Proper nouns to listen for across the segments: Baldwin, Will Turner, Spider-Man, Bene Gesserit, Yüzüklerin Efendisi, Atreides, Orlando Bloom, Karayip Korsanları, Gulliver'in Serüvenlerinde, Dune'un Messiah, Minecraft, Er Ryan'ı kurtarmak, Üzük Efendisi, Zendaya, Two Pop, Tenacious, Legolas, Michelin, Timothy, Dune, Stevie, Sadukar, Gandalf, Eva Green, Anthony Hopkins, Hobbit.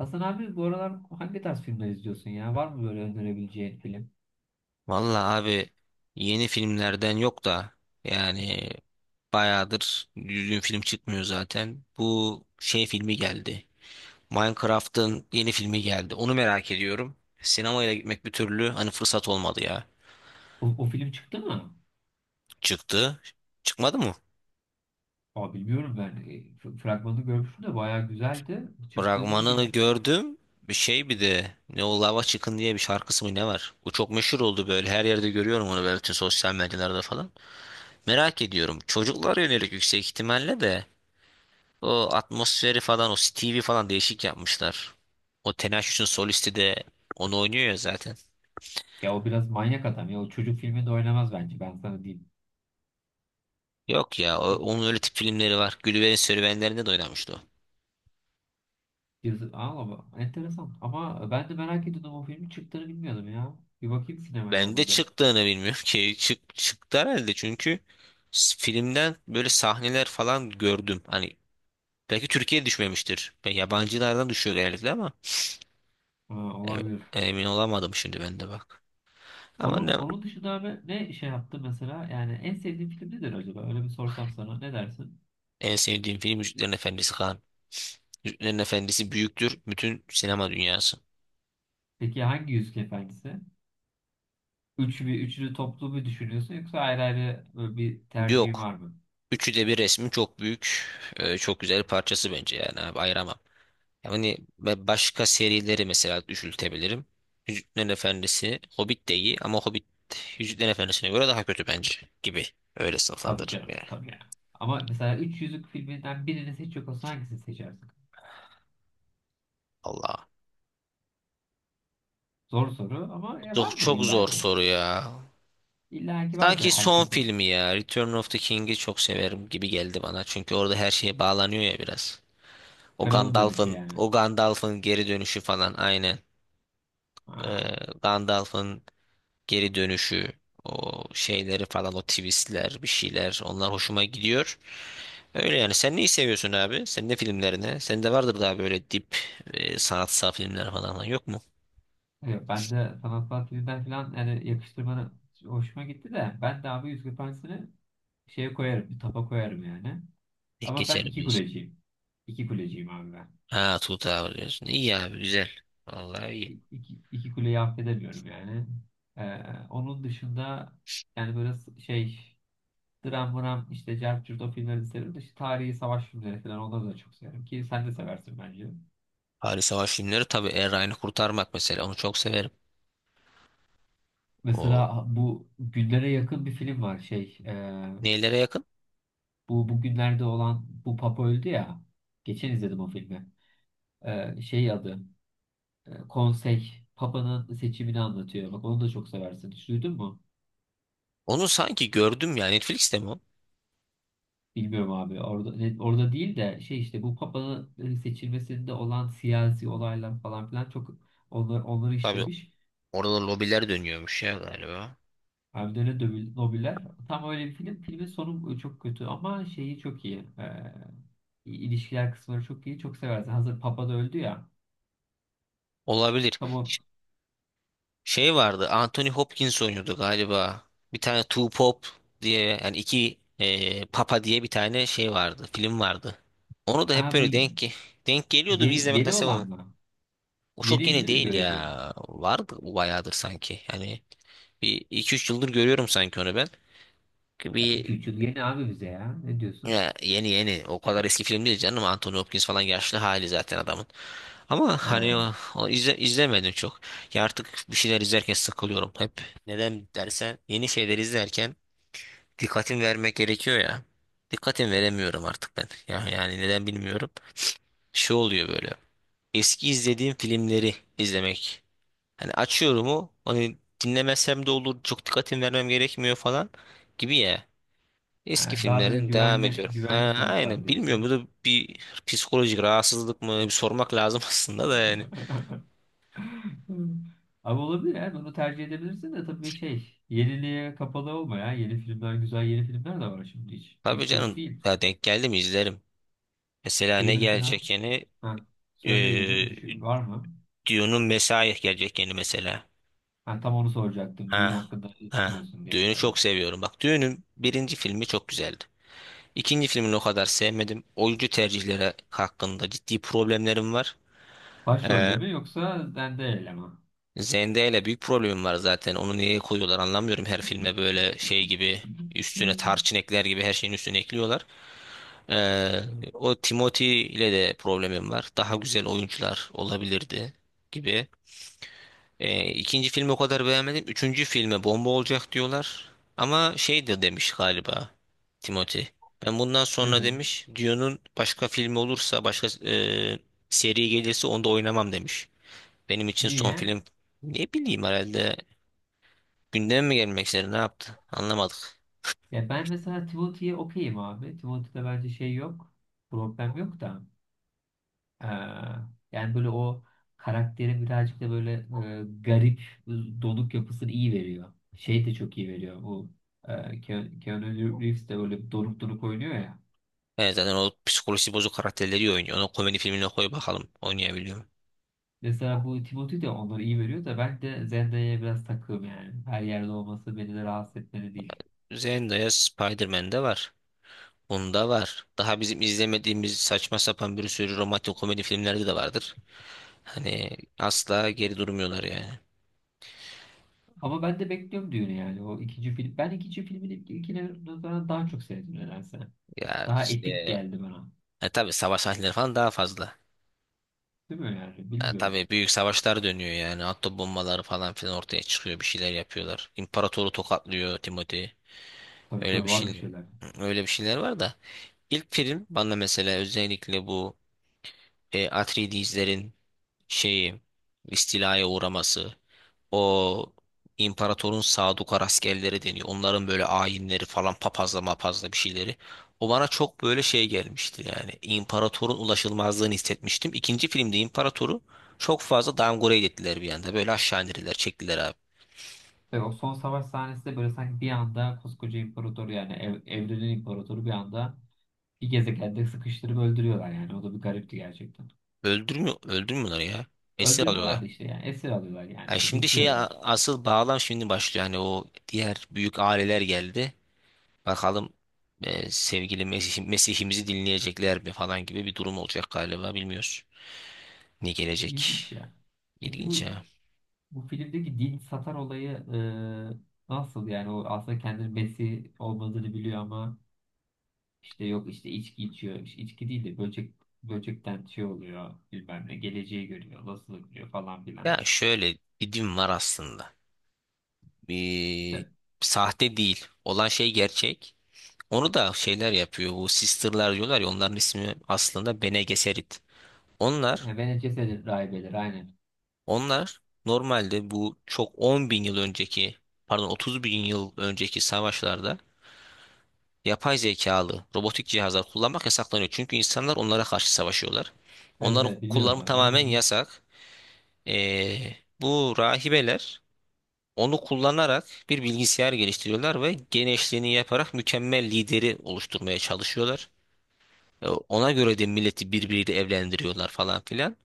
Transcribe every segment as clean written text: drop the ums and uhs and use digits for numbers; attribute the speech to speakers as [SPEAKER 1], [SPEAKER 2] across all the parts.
[SPEAKER 1] Hasan abi bu aralar hangi tarz filmler izliyorsun ya? Var mı böyle önerebileceğin film?
[SPEAKER 2] Vallahi abi yeni filmlerden yok da yani bayağıdır düzgün film çıkmıyor zaten. Bu şey filmi geldi. Minecraft'ın yeni filmi geldi. Onu merak ediyorum. Sinemaya da gitmek bir türlü hani fırsat olmadı ya.
[SPEAKER 1] O film çıktı mı?
[SPEAKER 2] Çıktı. Çıkmadı mı?
[SPEAKER 1] Aa, bilmiyorum ben. Fragmanını görmüştüm de bayağı güzeldi. Çıktı mı
[SPEAKER 2] Fragmanını
[SPEAKER 1] bilmiyorum.
[SPEAKER 2] gördüm. Bir şey bir de ne o lava çıkın diye bir şarkısı mı ne var? Bu çok meşhur oldu böyle. Her yerde görüyorum onu böyle bütün sosyal medyalarda falan. Merak ediyorum. Çocuklara yönelik yüksek ihtimalle de. O atmosferi falan o Stevie falan değişik yapmışlar. O Tenacious solisti de onu oynuyor ya zaten.
[SPEAKER 1] Ya o biraz manyak adam ya. O çocuk filminde oynamaz bence. Ben sana diyeyim.
[SPEAKER 2] Yok ya
[SPEAKER 1] Di-
[SPEAKER 2] onun öyle tip filmleri var. Gulliver'in Serüvenlerinde de oynamıştı o.
[SPEAKER 1] Yazı, aa, ama enteresan. Ama ben de merak ediyordum o filmin çıktığını bilmiyordum ya. Bir bakayım sinemaya
[SPEAKER 2] Ben de
[SPEAKER 1] olmadı.
[SPEAKER 2] çıktığını bilmiyorum ki. Çıktı herhalde çünkü filmden böyle sahneler falan gördüm. Hani belki Türkiye'ye düşmemiştir. Ben yabancılardan düşüyor genellikle ama
[SPEAKER 1] Ha,
[SPEAKER 2] em-
[SPEAKER 1] olabilir.
[SPEAKER 2] emin olamadım şimdi ben de bak. Ama
[SPEAKER 1] Onun,
[SPEAKER 2] ne,
[SPEAKER 1] onun dışında abi ne şey yaptı mesela? Yani en sevdiğin film nedir acaba? Öyle bir sorsam sana ne dersin?
[SPEAKER 2] en sevdiğim film Yüzüklerin Efendisi Kaan. Yüzüklerin Efendisi büyüktür bütün sinema dünyası.
[SPEAKER 1] Peki hangi Yüzük Efendisi? Üç bir üçlü toplu mu düşünüyorsun yoksa ayrı ayrı böyle bir tercihin
[SPEAKER 2] Yok.
[SPEAKER 1] var mı?
[SPEAKER 2] Üçü de bir resmi çok büyük, çok güzel bir parçası bence yani abi ayıramam. Yani ve başka serileri mesela düşültebilirim. Yüzüklerin Efendisi, Hobbit de iyi ama Hobbit Yüzüklerin Efendisi'ne göre daha kötü bence gibi. Öyle
[SPEAKER 1] Tabii
[SPEAKER 2] sınıflandırırım
[SPEAKER 1] canım
[SPEAKER 2] ya.
[SPEAKER 1] tabii yani. Ama mesela Üç Yüzük filminden birini seçecek olsan hangisini seçersin?
[SPEAKER 2] Allah.
[SPEAKER 1] Zor soru ama
[SPEAKER 2] Çok,
[SPEAKER 1] vardır
[SPEAKER 2] çok zor
[SPEAKER 1] illaki.
[SPEAKER 2] soru ya.
[SPEAKER 1] İllaki vardır
[SPEAKER 2] Sanki son
[SPEAKER 1] herkesin.
[SPEAKER 2] filmi ya. Return of the King'i çok severim gibi geldi bana. Çünkü orada her şeye bağlanıyor ya biraz. O
[SPEAKER 1] Kralı dönüşü
[SPEAKER 2] Gandalf'ın,
[SPEAKER 1] yani.
[SPEAKER 2] o Gandalf'ın geri dönüşü falan aynen. Ee,
[SPEAKER 1] Ha,
[SPEAKER 2] Gandalf'ın geri dönüşü, o şeyleri falan, o twistler, bir şeyler onlar hoşuma gidiyor. Öyle yani. Sen neyi seviyorsun abi? Senin ne filmlerini. Senin de vardır daha böyle dip sanatsal filmler falan yok mu?
[SPEAKER 1] yok, ben de sanatsal filmden falan yani yakıştırmanı hoşuma gitti de ben de abi Yüzük Efendisi'ni şeye koyarım, bir tapa koyarım yani.
[SPEAKER 2] Tek
[SPEAKER 1] Ama ben
[SPEAKER 2] geçerim
[SPEAKER 1] iki
[SPEAKER 2] diyorsun.
[SPEAKER 1] kuleciyim. İki kuleciyim abi ben.
[SPEAKER 2] Ha Tuğut abi diyorsun. İyi abi güzel. Vallahi iyi.
[SPEAKER 1] İki, iki kuleyi affedemiyorum yani. Ee, onun dışında yani böyle şey dram mram işte Cerp Cürt o filmleri de severim de işte tarihi savaş filmleri falan onları da çok severim ki sen de seversin bence.
[SPEAKER 2] Paris Savaş filmleri tabii Er Ryan'ı kurtarmak mesela onu çok severim. O
[SPEAKER 1] Mesela bu günlere yakın bir film var şey
[SPEAKER 2] nelere yakın?
[SPEAKER 1] bu bugünlerde olan bu Papa öldü ya geçen izledim o filmi. Şey adı Konsey Papa'nın seçimini anlatıyor. Bak onu da çok seversin. Hiç duydun mu?
[SPEAKER 2] Onu sanki gördüm ya Netflix'te mi o?
[SPEAKER 1] Bilmiyorum abi. Orada değil de şey işte bu papanın seçilmesinde olan siyasi olaylar falan filan çok onlar onları
[SPEAKER 2] Tabii
[SPEAKER 1] işlemiş.
[SPEAKER 2] orada lobiler dönüyormuş ya galiba.
[SPEAKER 1] Hem de öyle Nobiller. Tam öyle bir film. Filmin sonu çok kötü ama şeyi çok iyi. İlişkiler kısımları çok iyi. Çok seversin. Hazır papa da öldü ya.
[SPEAKER 2] Olabilir.
[SPEAKER 1] Tam o,
[SPEAKER 2] Şey vardı. Anthony Hopkins oynuyordu galiba. Bir tane Two Pop diye yani iki Papa diye bir tane şey vardı. Film vardı. Onu da hep
[SPEAKER 1] ha, bu
[SPEAKER 2] böyle denk geliyordu. Bir
[SPEAKER 1] yeni,
[SPEAKER 2] izlemek
[SPEAKER 1] yeni
[SPEAKER 2] nasip
[SPEAKER 1] olan
[SPEAKER 2] ama.
[SPEAKER 1] mı?
[SPEAKER 2] O çok
[SPEAKER 1] Yeniydi
[SPEAKER 2] yeni
[SPEAKER 1] değil mi
[SPEAKER 2] değil
[SPEAKER 1] görece?
[SPEAKER 2] ya. Vardı bu bayağıdır sanki. Yani bir iki üç yıldır görüyorum sanki onu ben.
[SPEAKER 1] İki
[SPEAKER 2] Bir
[SPEAKER 1] üç yıl yeni abi bize ya. Ne diyorsun?
[SPEAKER 2] ya yeni yeni. O kadar eski film değil canım. Anthony Hopkins falan yaşlı hali zaten adamın. Ama hani
[SPEAKER 1] Ha.
[SPEAKER 2] o izlemedim çok. Ya artık bir şeyler izlerken sıkılıyorum hep. Neden dersen yeni şeyler izlerken dikkatim vermek gerekiyor ya. Dikkatim veremiyorum artık ben. Ya, yani neden bilmiyorum. Şey oluyor böyle. Eski izlediğim filmleri izlemek. Hani açıyorum o. Hani dinlemesem de olur. Çok dikkatim vermem gerekmiyor falan gibi ya. Eski
[SPEAKER 1] Ha, daha böyle
[SPEAKER 2] filmlerden devam
[SPEAKER 1] güvenli
[SPEAKER 2] ediyorum. Ha,
[SPEAKER 1] güvenli sonuçlar
[SPEAKER 2] aynen.
[SPEAKER 1] diyorsun.
[SPEAKER 2] Bilmiyorum bu da bir psikolojik rahatsızlık mı? Bir sormak lazım aslında da yani.
[SPEAKER 1] Hmm. Abi olabilir ya. Bunu tercih edebilirsin de tabii şey yeniliğe kapalı olma ya. Yeni filmler güzel, yeni filmler de var şimdi hiç.
[SPEAKER 2] Tabii
[SPEAKER 1] Hiç yok
[SPEAKER 2] canım
[SPEAKER 1] değil.
[SPEAKER 2] ya denk geldim izlerim. Mesela
[SPEAKER 1] Şeyi
[SPEAKER 2] ne
[SPEAKER 1] mesela,
[SPEAKER 2] gelecek yeni?
[SPEAKER 1] ha, söyle yeni
[SPEAKER 2] Ee,
[SPEAKER 1] bir düşün var mı?
[SPEAKER 2] Dune'un Messiah gelecek yeni mesela.
[SPEAKER 1] Ha, tam onu soracaktım. Düğün
[SPEAKER 2] Ha.
[SPEAKER 1] hakkında ne
[SPEAKER 2] Ha.
[SPEAKER 1] düşünüyorsun diye
[SPEAKER 2] Dune'u çok
[SPEAKER 1] mesela.
[SPEAKER 2] seviyorum. Bak Dune'un birinci filmi çok güzeldi. İkinci filmini o kadar sevmedim. Oyuncu tercihleri hakkında ciddi problemlerim var.
[SPEAKER 1] Başrolde
[SPEAKER 2] Ee,
[SPEAKER 1] mi yoksa Zendaya ile mi?
[SPEAKER 2] Zendaya ile büyük problemim var zaten. Onu niye koyuyorlar anlamıyorum. Her filme böyle şey gibi üstüne
[SPEAKER 1] Hmm.
[SPEAKER 2] tarçın ekler gibi her şeyin üstüne ekliyorlar. Ee, o Timothy ile de problemim var. Daha güzel oyuncular olabilirdi gibi. İkinci filmi o kadar beğenmedim. Üçüncü filme bomba olacak diyorlar. Ama şey de demiş galiba Timothy. Ben bundan
[SPEAKER 1] Ne
[SPEAKER 2] sonra
[SPEAKER 1] demiş?
[SPEAKER 2] demiş Dune'un başka filmi olursa başka seri gelirse onda oynamam demiş. Benim için son
[SPEAKER 1] Niye?
[SPEAKER 2] film ne bileyim herhalde gündeme mi gelmek istedi ne yaptı anlamadık.
[SPEAKER 1] Ya ben mesela Timothy'ye okeyim abi. Timothy'de bence şey yok. Problem yok da. Ee, yani böyle o karakterin birazcık da böyle garip donuk yapısını iyi veriyor. Şey de çok iyi veriyor. Bu Keanu Reeves de böyle donuk donuk oynuyor ya.
[SPEAKER 2] Evet zaten o psikolojisi bozuk karakterleri iyi oynuyor. Onu komedi filmine koy bakalım oynayabiliyor mu?
[SPEAKER 1] Mesela bu Timothy de onları iyi veriyor da ben de Zendaya'ya biraz takığım yani. Her yerde olması beni de rahatsız etmeli değil.
[SPEAKER 2] Zendaya Spider-Man'de var. Bunda var. Daha bizim izlemediğimiz saçma sapan bir sürü romantik komedi filmlerde de vardır. Hani asla geri durmuyorlar yani.
[SPEAKER 1] Ama ben de bekliyorum düğünü yani. O ikinci film. Ben ikinci filmin ilkine nazaran daha çok sevdim nedense.
[SPEAKER 2] Ya
[SPEAKER 1] Daha epik
[SPEAKER 2] işte
[SPEAKER 1] geldi bana.
[SPEAKER 2] tabii savaş sahneleri falan daha fazla.
[SPEAKER 1] Değil mi yani? Bilmiyorum.
[SPEAKER 2] Tabii büyük savaşlar dönüyor yani. Atom bombaları falan filan ortaya çıkıyor. Bir şeyler yapıyorlar. İmparatoru tokatlıyor Timothy.
[SPEAKER 1] Tabii
[SPEAKER 2] Öyle
[SPEAKER 1] tabii
[SPEAKER 2] bir
[SPEAKER 1] var bir
[SPEAKER 2] şey
[SPEAKER 1] şeyler.
[SPEAKER 2] öyle bir şeyler var da. İlk film bana mesela özellikle bu Atreides'lerin şeyi istilaya uğraması, o imparatorun Sadukar askerleri deniyor. Onların böyle ayinleri falan papazla mapazla bir şeyleri. O bana çok böyle şey gelmişti yani. İmparatorun ulaşılmazlığını hissetmiştim. İkinci filmde imparatoru çok fazla downgrade ettiler bir anda. Böyle aşağı indirdiler, çektiler abi.
[SPEAKER 1] Ve o son savaş sahnesi de böyle sanki bir anda koskoca imparator yani evrenin imparatoru bir anda bir gezegende sıkıştırıp öldürüyorlar yani. O da bir garipti gerçekten.
[SPEAKER 2] Öldürmüyor, öldürmüyorlar ya. Esir alıyorlar.
[SPEAKER 1] Öldürmüyorlar da işte yani esir alıyorlar yani
[SPEAKER 2] Yani
[SPEAKER 1] hani
[SPEAKER 2] şimdi şeye
[SPEAKER 1] bitiriyorlar.
[SPEAKER 2] asıl bağlam şimdi başlıyor. Hani o diğer büyük aileler geldi. Bakalım sevgili Mesih, Mesih'imizi dinleyecekler mi falan gibi bir durum olacak galiba bilmiyoruz. Ne gelecek?
[SPEAKER 1] İlginç ya. Peki bu
[SPEAKER 2] İlginç ya.
[SPEAKER 1] bu filmdeki din satar olayı nasıl yani o aslında kendini Mesih olmadığını biliyor ama işte yok işte içki içiyor. İşte içki değil de böcekten şey oluyor bilmem ne geleceği görüyor nasıl görüyor falan filan.
[SPEAKER 2] Ya şöyle bir din var aslında.
[SPEAKER 1] Ve-
[SPEAKER 2] Bir sahte değil. Olan şey gerçek. Onu da şeyler yapıyor. Bu sisterlar diyorlar ya onların ismi aslında Bene Gesserit. Onlar,
[SPEAKER 1] Vene cesedin rahibeleri aynen.
[SPEAKER 2] onlar normalde bu çok 10 bin yıl önceki pardon 30 bin yıl önceki savaşlarda yapay zekalı robotik cihazlar kullanmak yasaklanıyor. Çünkü insanlar onlara karşı savaşıyorlar.
[SPEAKER 1] Evet
[SPEAKER 2] Onları
[SPEAKER 1] evet biliyorum
[SPEAKER 2] kullanımı
[SPEAKER 1] abi
[SPEAKER 2] tamamen
[SPEAKER 1] onu.
[SPEAKER 2] yasak. Bu rahibeler onu kullanarak bir bilgisayar geliştiriyorlar ve genişliğini yaparak mükemmel lideri oluşturmaya çalışıyorlar. Ona göre de milleti birbiriyle evlendiriyorlar falan filan.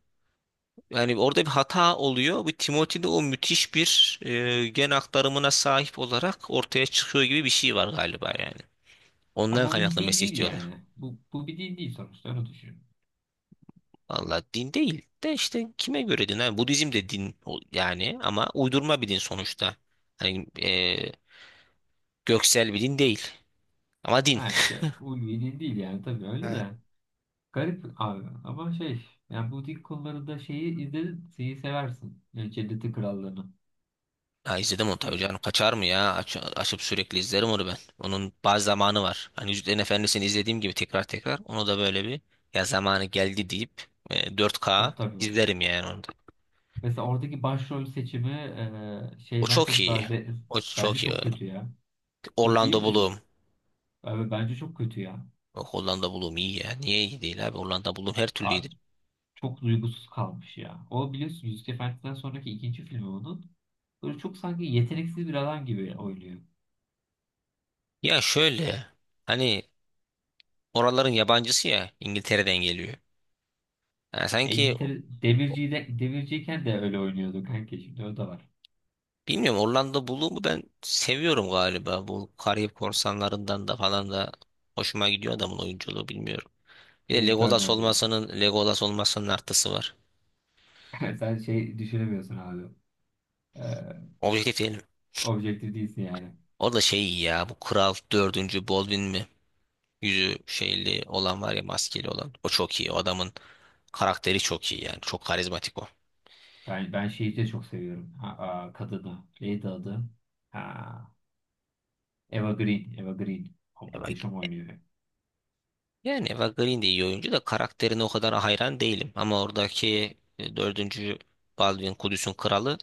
[SPEAKER 2] Yani orada bir hata oluyor. Bu Timothy'de o müthiş bir gen aktarımına sahip olarak ortaya çıkıyor gibi bir şey var galiba yani. Ondan
[SPEAKER 1] Ama bu bir
[SPEAKER 2] kaynaklı
[SPEAKER 1] din
[SPEAKER 2] Mesih
[SPEAKER 1] değil
[SPEAKER 2] diyorlar.
[SPEAKER 1] yani. Bu bir din değil sonuçta öyle düşün.
[SPEAKER 2] Valla din değil de işte kime göre din? Hani Budizm de din yani ama uydurma bir din sonuçta. Hani göksel bir din değil ama din.
[SPEAKER 1] Yani şey ulvi din değil yani tabii öyle
[SPEAKER 2] Ha.
[SPEAKER 1] de. Garip abi ama şey yani bu din konularında şeyi izledin şeyi seversin. Yani Cennetin Krallığı'nı.
[SPEAKER 2] Ha, izledim onu tabii
[SPEAKER 1] İ-
[SPEAKER 2] canım. Kaçar mı ya? Açıp sürekli izlerim onu ben. Onun bazı zamanı var. Hani Yüzüklerin Efendisi'ni izlediğim gibi tekrar tekrar. Onu da böyle bir ya zamanı geldi deyip 4K
[SPEAKER 1] tabii.
[SPEAKER 2] izlerim yani onu da.
[SPEAKER 1] Mesela oradaki başrol seçimi
[SPEAKER 2] O
[SPEAKER 1] şeyden
[SPEAKER 2] çok
[SPEAKER 1] çok daha
[SPEAKER 2] iyi. O
[SPEAKER 1] bence
[SPEAKER 2] çok iyi.
[SPEAKER 1] çok kötü ya. Kö iyi
[SPEAKER 2] Orlando
[SPEAKER 1] mi diyorsun?
[SPEAKER 2] Bloom.
[SPEAKER 1] Abi bence çok kötü ya.
[SPEAKER 2] Bak Orlando Bloom iyi ya. Niye iyi değil abi? Orlando Bloom her türlü iyi.
[SPEAKER 1] Abi çok duygusuz kalmış ya. O biliyorsun Yüzük Efendi'den sonraki ikinci filmi onun. Böyle çok sanki yeteneksiz bir adam gibi oynuyor.
[SPEAKER 2] Ya şöyle hani oraların yabancısı ya İngiltere'den geliyor. Yani
[SPEAKER 1] Ya
[SPEAKER 2] sanki
[SPEAKER 1] İngiltere demirciyken de öyle oynuyordu kanka şimdi o da var.
[SPEAKER 2] bilmiyorum Orlando Bloom'u ben seviyorum galiba. Bu Karayip Korsanlarından da falan da hoşuma gidiyor adamın oyunculuğu bilmiyorum. Bir de
[SPEAKER 1] Will
[SPEAKER 2] Legolas
[SPEAKER 1] Turner diyorsun.
[SPEAKER 2] olmasının Legolas olmasının artısı var.
[SPEAKER 1] Sen şey düşünemiyorsun abi. Ee,
[SPEAKER 2] Objektif diyelim.
[SPEAKER 1] objektif değilsin yani.
[SPEAKER 2] O da şey iyi ya bu Kral Dördüncü Baldwin mi? Yüzü şeyli olan var ya maskeli olan. O çok iyi. O adamın karakteri çok iyi yani. Çok karizmatik o.
[SPEAKER 1] Ben şeyi de çok seviyorum. Ha, kadını. Neydi adı? Ha, Eva Green. Eva Green. O muhteşem oynuyor.
[SPEAKER 2] Yani Eva Green de iyi oyuncu da karakterine o kadar hayran değilim. Ama oradaki dördüncü Baldwin Kudüs'ün kralı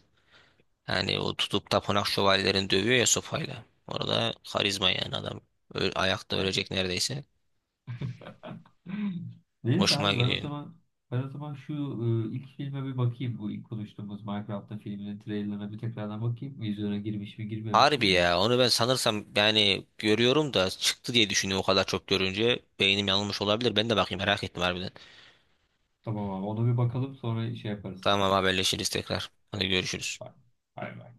[SPEAKER 2] yani o tutup tapınak şövalyelerini dövüyor ya sopayla. Orada karizma yani adam. Ayakta ölecek neredeyse.
[SPEAKER 1] Neyse
[SPEAKER 2] Hoşuma
[SPEAKER 1] abi ben o
[SPEAKER 2] gidiyor.
[SPEAKER 1] zaman ben o zaman şu ilk filme bir bakayım. Bu ilk konuştuğumuz Minecraft'ta filminin trailerına bir tekrardan bakayım. Vizyona girmiş mi girmemiş
[SPEAKER 2] Harbi
[SPEAKER 1] mi?
[SPEAKER 2] ya onu ben sanırsam yani görüyorum da çıktı diye düşünüyorum o kadar çok görünce. Beynim yanılmış olabilir. Ben de bakayım merak ettim harbiden.
[SPEAKER 1] Tamam abi ona bir bakalım sonra şey yaparız.
[SPEAKER 2] Tamam haberleşiriz tekrar. Hadi görüşürüz.
[SPEAKER 1] Bay bay.